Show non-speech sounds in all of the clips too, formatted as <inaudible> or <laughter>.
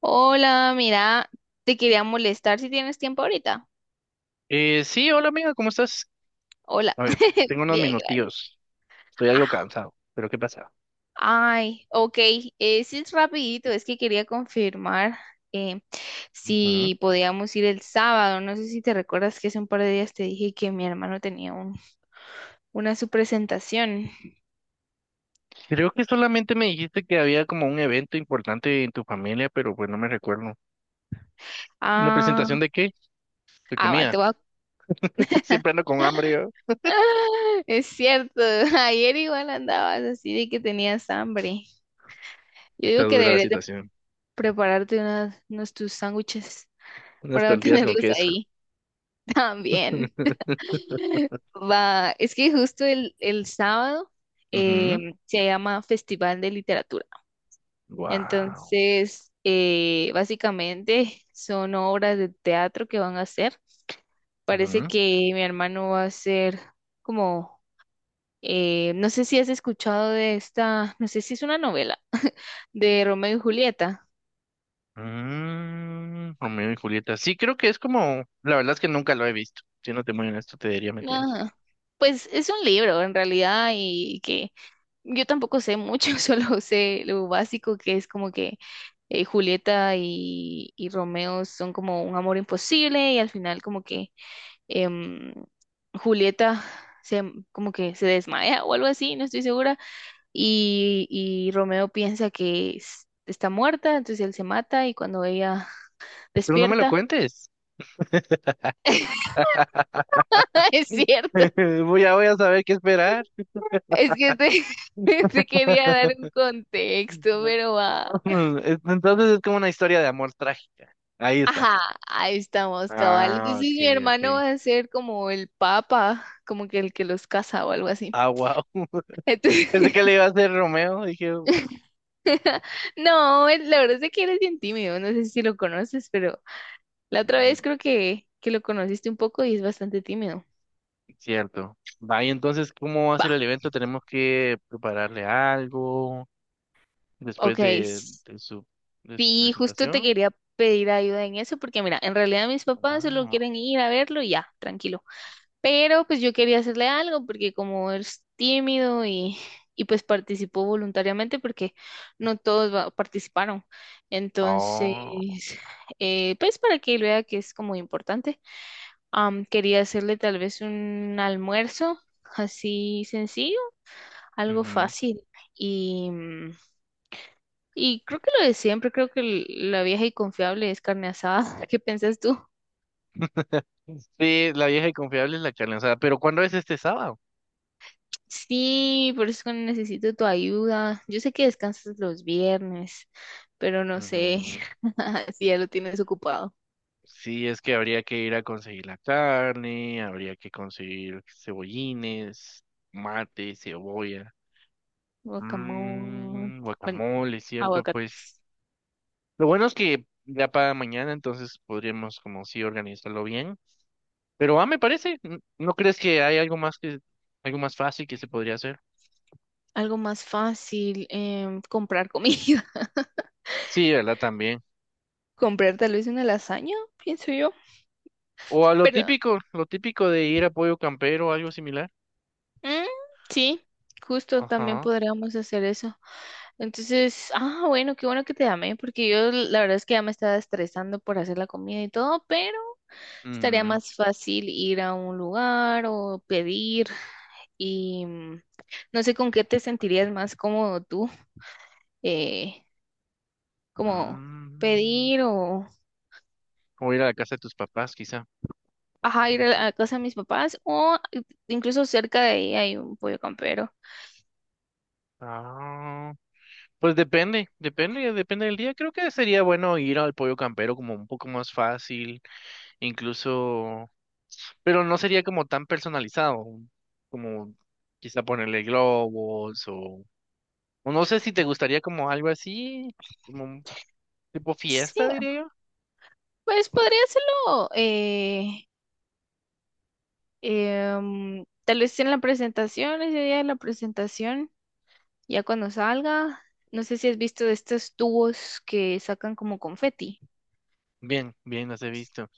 Hola, mira, te quería molestar si tienes tiempo ahorita. Sí, hola amiga, ¿cómo estás? Hola, A ver, <laughs> tengo unos bien, gracias. minutillos. Estoy algo Ah, cansado, pero ¿qué pasa? Ay, ok, sí, es rapidito, es que quería confirmar eh, Ujú. si podíamos ir el sábado. No sé si te recuerdas que hace un par de días te dije que mi hermano tenía una su presentación. Creo que solamente me dijiste que había como un evento importante en tu familia, pero pues no me recuerdo. ¿Una Ah, presentación de qué? De Va, te comida. voy a... <laughs> Siempre ando con hambre yo. <laughs> es cierto, <laughs> ayer igual andabas así de que tenías hambre. Yo Está digo que dura la deberías de situación. prepararte unos tus sándwiches. Unas Para tortillas con tenerlos queso. ahí <laughs> también. <laughs> Va, es que justo el sábado Ujú. Se llama Festival de Literatura. Wow. Entonces, básicamente son obras de teatro que van a hacer. Parece Ujú. que mi hermano va a hacer como, no sé si has escuchado de esta, no sé si es una novela de Romeo y Julieta. Mm, Romeo y Julieta. Sí, creo que es como, la verdad es que nunca lo he visto. Si no te muy honesto, te diría mentiras. Ajá. Pues es un libro en realidad. Y que yo tampoco sé mucho, <laughs> solo sé lo básico que es como que Julieta y Romeo son como un amor imposible y al final como que em, Julieta se, como que se desmaya o algo así, no estoy segura, y Romeo piensa que está muerta, entonces él se mata y cuando ella Pero no me lo despierta, cuentes. <laughs> <laughs> es <laughs> cierto, Voy a saber qué esperar. es que te, <laughs> te quería dar <laughs> un contexto, pero va. Entonces es como una historia de amor trágica. Ahí está. Ajá, ahí estamos, cabal. Ah, Entonces ok, mi hermano ok. va a ser como el papa, como que el que los casa o algo así. Ah, wow. <laughs> Entonces, Pensé que <laughs> le iba a hacer Romeo. Dije, no, la verdad es que eres bien tímido, no sé si lo conoces, pero la otra "Mm, vez creo que lo conociste un poco y es bastante tímido. cierto. Vaya, entonces, ¿cómo va a ser Va, el evento? Tenemos que prepararle algo después ok. De su Sí, justo te presentación. quería pedir ayuda en eso porque mira, en realidad mis papás solo Ah, quieren ir a verlo y ya, tranquilo. Pero pues yo quería hacerle algo porque como es tímido y pues participó voluntariamente porque no todos participaron. oh, Entonces, pues para que él vea que es como importante, quería hacerle tal vez un almuerzo así sencillo, algo ujú. fácil. Y, mm, y creo que lo de siempre, creo que la vieja y confiable es carne asada. <laughs> ¿Qué piensas tú? Sí, la vieja y confiable es la que lanzada. Pero ¿cuándo es este sábado? Sí, por eso necesito tu ayuda. Yo sé que descansas los viernes, pero no sé Ujú. <laughs> si ya lo tienes ocupado. Sí, es que habría que ir a conseguir la carne, habría que conseguir cebollines, mate, cebolla, Guacamole. Bueno, guacamole, ¿cierto? Pues aguacates. lo bueno es que ya para mañana, entonces podríamos como sí organizarlo bien. Pero ah, me parece, ¿no crees que hay algo más fácil que se podría hacer? Algo más fácil, comprar comida. <laughs> Sí, ¿verdad? También. Comprar tal vez una lasaña, pienso yo. O a Pero, lo típico de ir a Pollo Campero o algo similar. mm, sí, justo también Ajá. podríamos hacer eso. Entonces, bueno, qué bueno que te llamé, porque yo la verdad es que ya me estaba estresando por hacer la comida y todo, pero estaría Mm, más fácil ir a un lugar o pedir. y mm, no sé con qué te sentirías más cómodo tú, eh, como mm. pedir o O ir a la casa de tus papás, quizá. ajá, ir a la casa de mis papás o incluso cerca de ahí hay un pollo campero. Ah, pues depende, depende, depende del día. Creo que sería bueno ir al pollo campero como un poco más fácil, incluso, pero no sería como tan personalizado, como quizá ponerle globos o no sé si te gustaría como algo así, como un tipo Sí, fiesta, diría yo. pues podría hacerlo tal vez en la presentación, ese día de la presentación, ya cuando salga, no sé si has visto de estos tubos que sacan como confeti. Bien, bien, las he visto.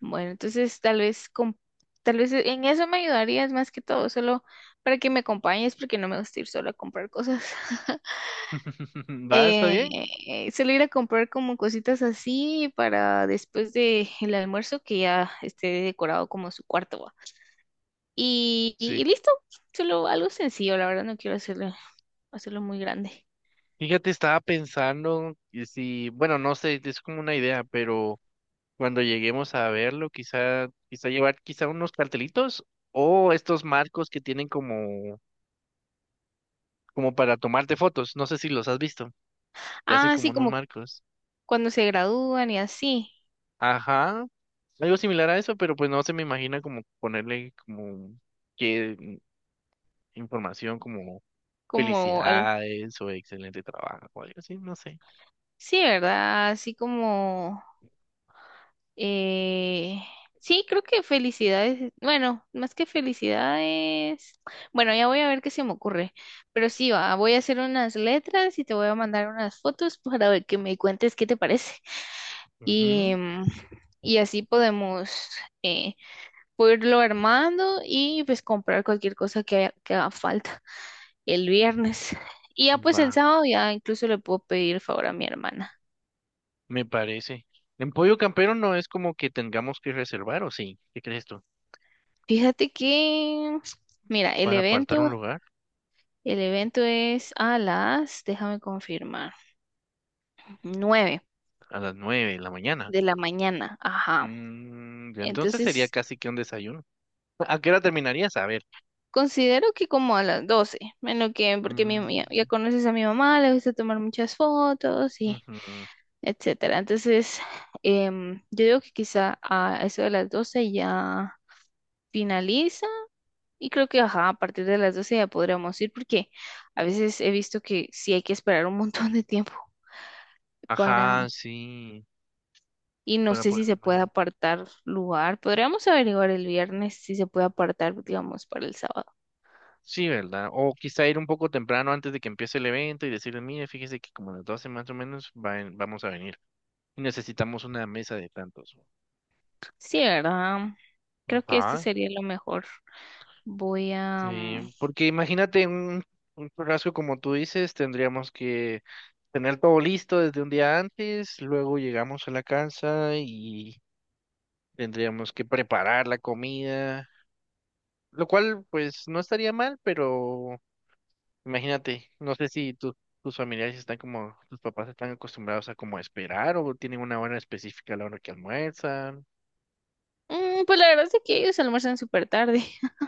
Bueno, entonces tal vez en eso me ayudarías más que todo, solo para que me acompañes, porque no me gusta ir solo a comprar cosas. <laughs> <laughs> ¿Va? ¿Está Eh, bien? Solo ir a comprar como cositas así para después de el almuerzo que ya esté decorado como su cuarto va. Y Sí. listo, solo algo sencillo, la verdad no quiero hacerlo, hacerlo muy grande. Fíjate, estaba pensando y si, bueno, no sé, es como una idea, pero cuando lleguemos a verlo, quizá, quizá llevar quizá unos cartelitos o estos marcos que tienen como, como para tomarte fotos. No sé si los has visto. Y hacen Ah, como sí, unos como marcos. cuando se gradúan y así, Ajá. Algo similar a eso, pero pues no se me imagina como ponerle como qué información como como felicidades o excelente trabajo o algo así, no sé. sí, ¿verdad? Así como Eh, sí, creo que felicidades. Bueno, más que felicidades. Bueno, ya voy a ver qué se me ocurre. Pero sí, va, voy a hacer unas letras y te voy a mandar unas fotos <laughs> para ver que me cuentes qué te parece. Y, Ujú. mm, y así podemos eh, puedo irlo armando y pues comprar cualquier cosa que que haga falta el viernes. Y ya pues el Va, sábado ya incluso le puedo pedir el favor a mi hermana. me parece. En Pollo Campero no es como que tengamos que reservar, ¿o sí? ¿Qué crees tú? Fíjate que, mira, el Para apartar un evento. lugar. El evento es a las, déjame confirmar, nueve A las nueve de la mañana. de la mañana. Ajá. Ya entonces sería Entonces, casi que un desayuno. ¿A qué hora terminarías? A ver. considero que como a las 12, menos que porque mi, Mm, ya, ya conoces a mi mamá, le gusta tomar muchas fotos y ujú. etcétera. Entonces, yo digo que quizá a eso de las 12 ya finaliza y creo que, ajá, a partir de las 12 ya podríamos ir porque a veces he visto que sí hay que esperar un montón de tiempo para Ajá, sí. y no Para sé si poder se puede comer. apartar lugar. Podríamos averiguar el viernes si se puede apartar, digamos, para el sábado. Sí, ¿verdad? O quizá ir un poco temprano antes de que empiece el evento y decirle, mire, fíjese que como a las 12 más o menos va en- vamos a venir. Y necesitamos una mesa de tantos. Sí, ¿verdad? Creo que esto Ajá, sería lo mejor. Voy a... sí. mm, Porque imagínate un churrasco como tú dices, tendríamos que tener todo listo desde un día antes, luego llegamos a la casa y tendríamos que preparar la comida, lo cual pues no estaría mal, pero imagínate, no sé si tus familiares están como, tus papás están acostumbrados a como esperar o tienen una hora específica a la hora que almuerzan. mm, Pues la verdad es que ellos almuerzan súper tarde, <laughs>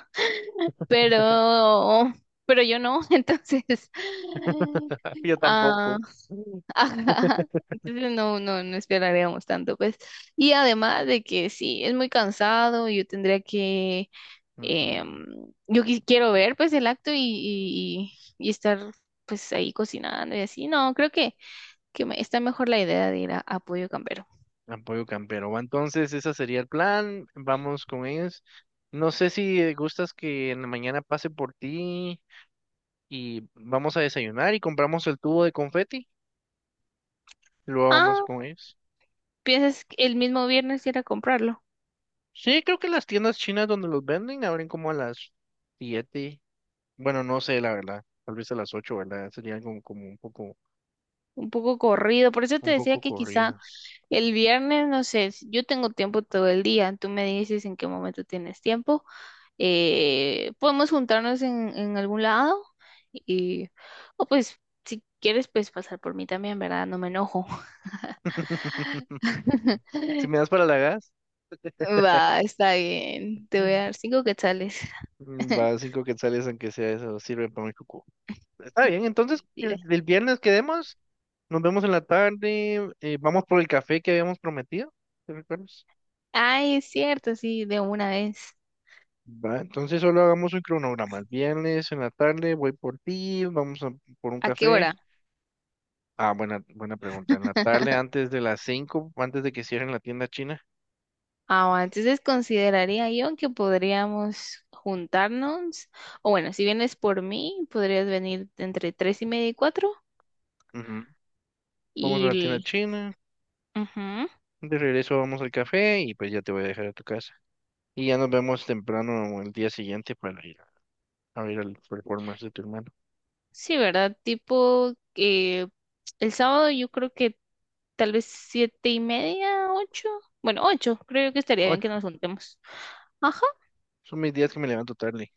pero... pero yo no, <laughs> entonces... <laughs> Yo Ah, tampoco. Mm. <laughs> ajá. Entonces no, no, no esperaríamos tanto, pues. Y además de que sí, es muy cansado, yo tendría que Ujú. Em, yo quiero ver pues el acto y estar pues ahí cocinando y así. No, creo que está mejor la idea de ir a Pollo Campero. Apoyo campero. Va, entonces, ese sería el plan. Vamos con ellos. No sé si gustas que en la mañana pase por ti y vamos a desayunar y compramos el tubo de confeti y luego vamos Ah, con ellos. piensas que el mismo viernes ir a comprarlo. Sí, creo que las tiendas chinas donde los venden abren como a las siete. Bueno, no sé, la verdad. Tal vez a las ocho, ¿verdad? Sería como, como Un poco corrido, por eso te un decía poco que quizá corrido. el viernes, no sé, si yo tengo tiempo todo el día, tú me dices en qué momento tienes tiempo, podemos juntarnos en algún lado y, o pues, si quieres, pues pasar por mí también, ¿verdad? No me enojo. <laughs> Si <laughs> me das para la gas, Va, está bien. Te voy a dar 5 quetzales. Va <laughs> cinco quetzales, aunque sea eso, sirve para mi cucu. Está bien, entonces Mentira. el viernes quedemos, nos vemos en la tarde, vamos por el café que habíamos prometido, ¿te recuerdas? Ay, es cierto, sí, de una vez. Va, entonces solo hagamos un cronograma. El viernes en la tarde voy por ti, por un ¿A qué hora? café. Ah, buena, buena pregunta. En la tarde, antes de las 5, antes de que cierren la tienda china. Ah, bueno, entonces consideraría yo que podríamos juntarnos. O bueno, si vienes por mí, podrías venir entre 3:30 y 4. Ujú. Vamos a Y... la tienda el- china, Ujú. de regreso vamos al café y pues ya te voy a dejar a tu casa. Y ya nos vemos temprano el día siguiente para ir a ver el performance de tu hermano. Sí, ¿verdad? Tipo que el sábado yo creo que tal vez 7:30, 8. Bueno, ocho. Creo que estaría bien Oye, que nos juntemos. Ajá. son mis días que me levanto tarde.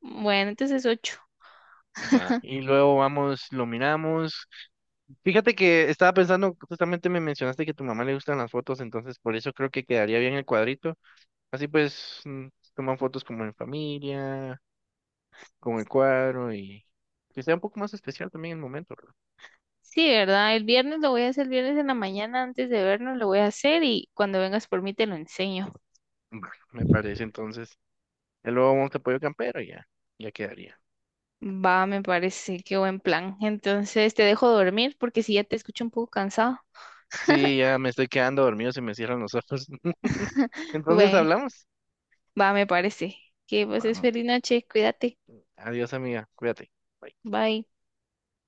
Bueno, entonces ocho. Ya. Y luego vamos, lo miramos. Fíjate que estaba pensando, justamente me mencionaste que a tu mamá le gustan las fotos, entonces por eso creo que quedaría bien el cuadrito. Así pues, toman fotos como en familia, con el cuadro y que sea un poco más especial también el momento, ¿verdad? Sí, ¿verdad? El viernes lo voy a hacer, el viernes en la mañana antes de vernos lo voy a hacer y cuando vengas por mí te lo enseño. Bueno, me parece entonces. Y luego un apoyo campero y ya, ya quedaría. Va, me parece, qué buen plan. Entonces te dejo dormir porque si ya te escucho un poco cansado. Sí, ya me estoy quedando dormido, se me cierran los ojos. <laughs> Entonces Bueno, hablamos. va, me parece. Que pases Vamos. feliz noche, cuídate. Adiós, amiga. Cuídate. Bye. Bye.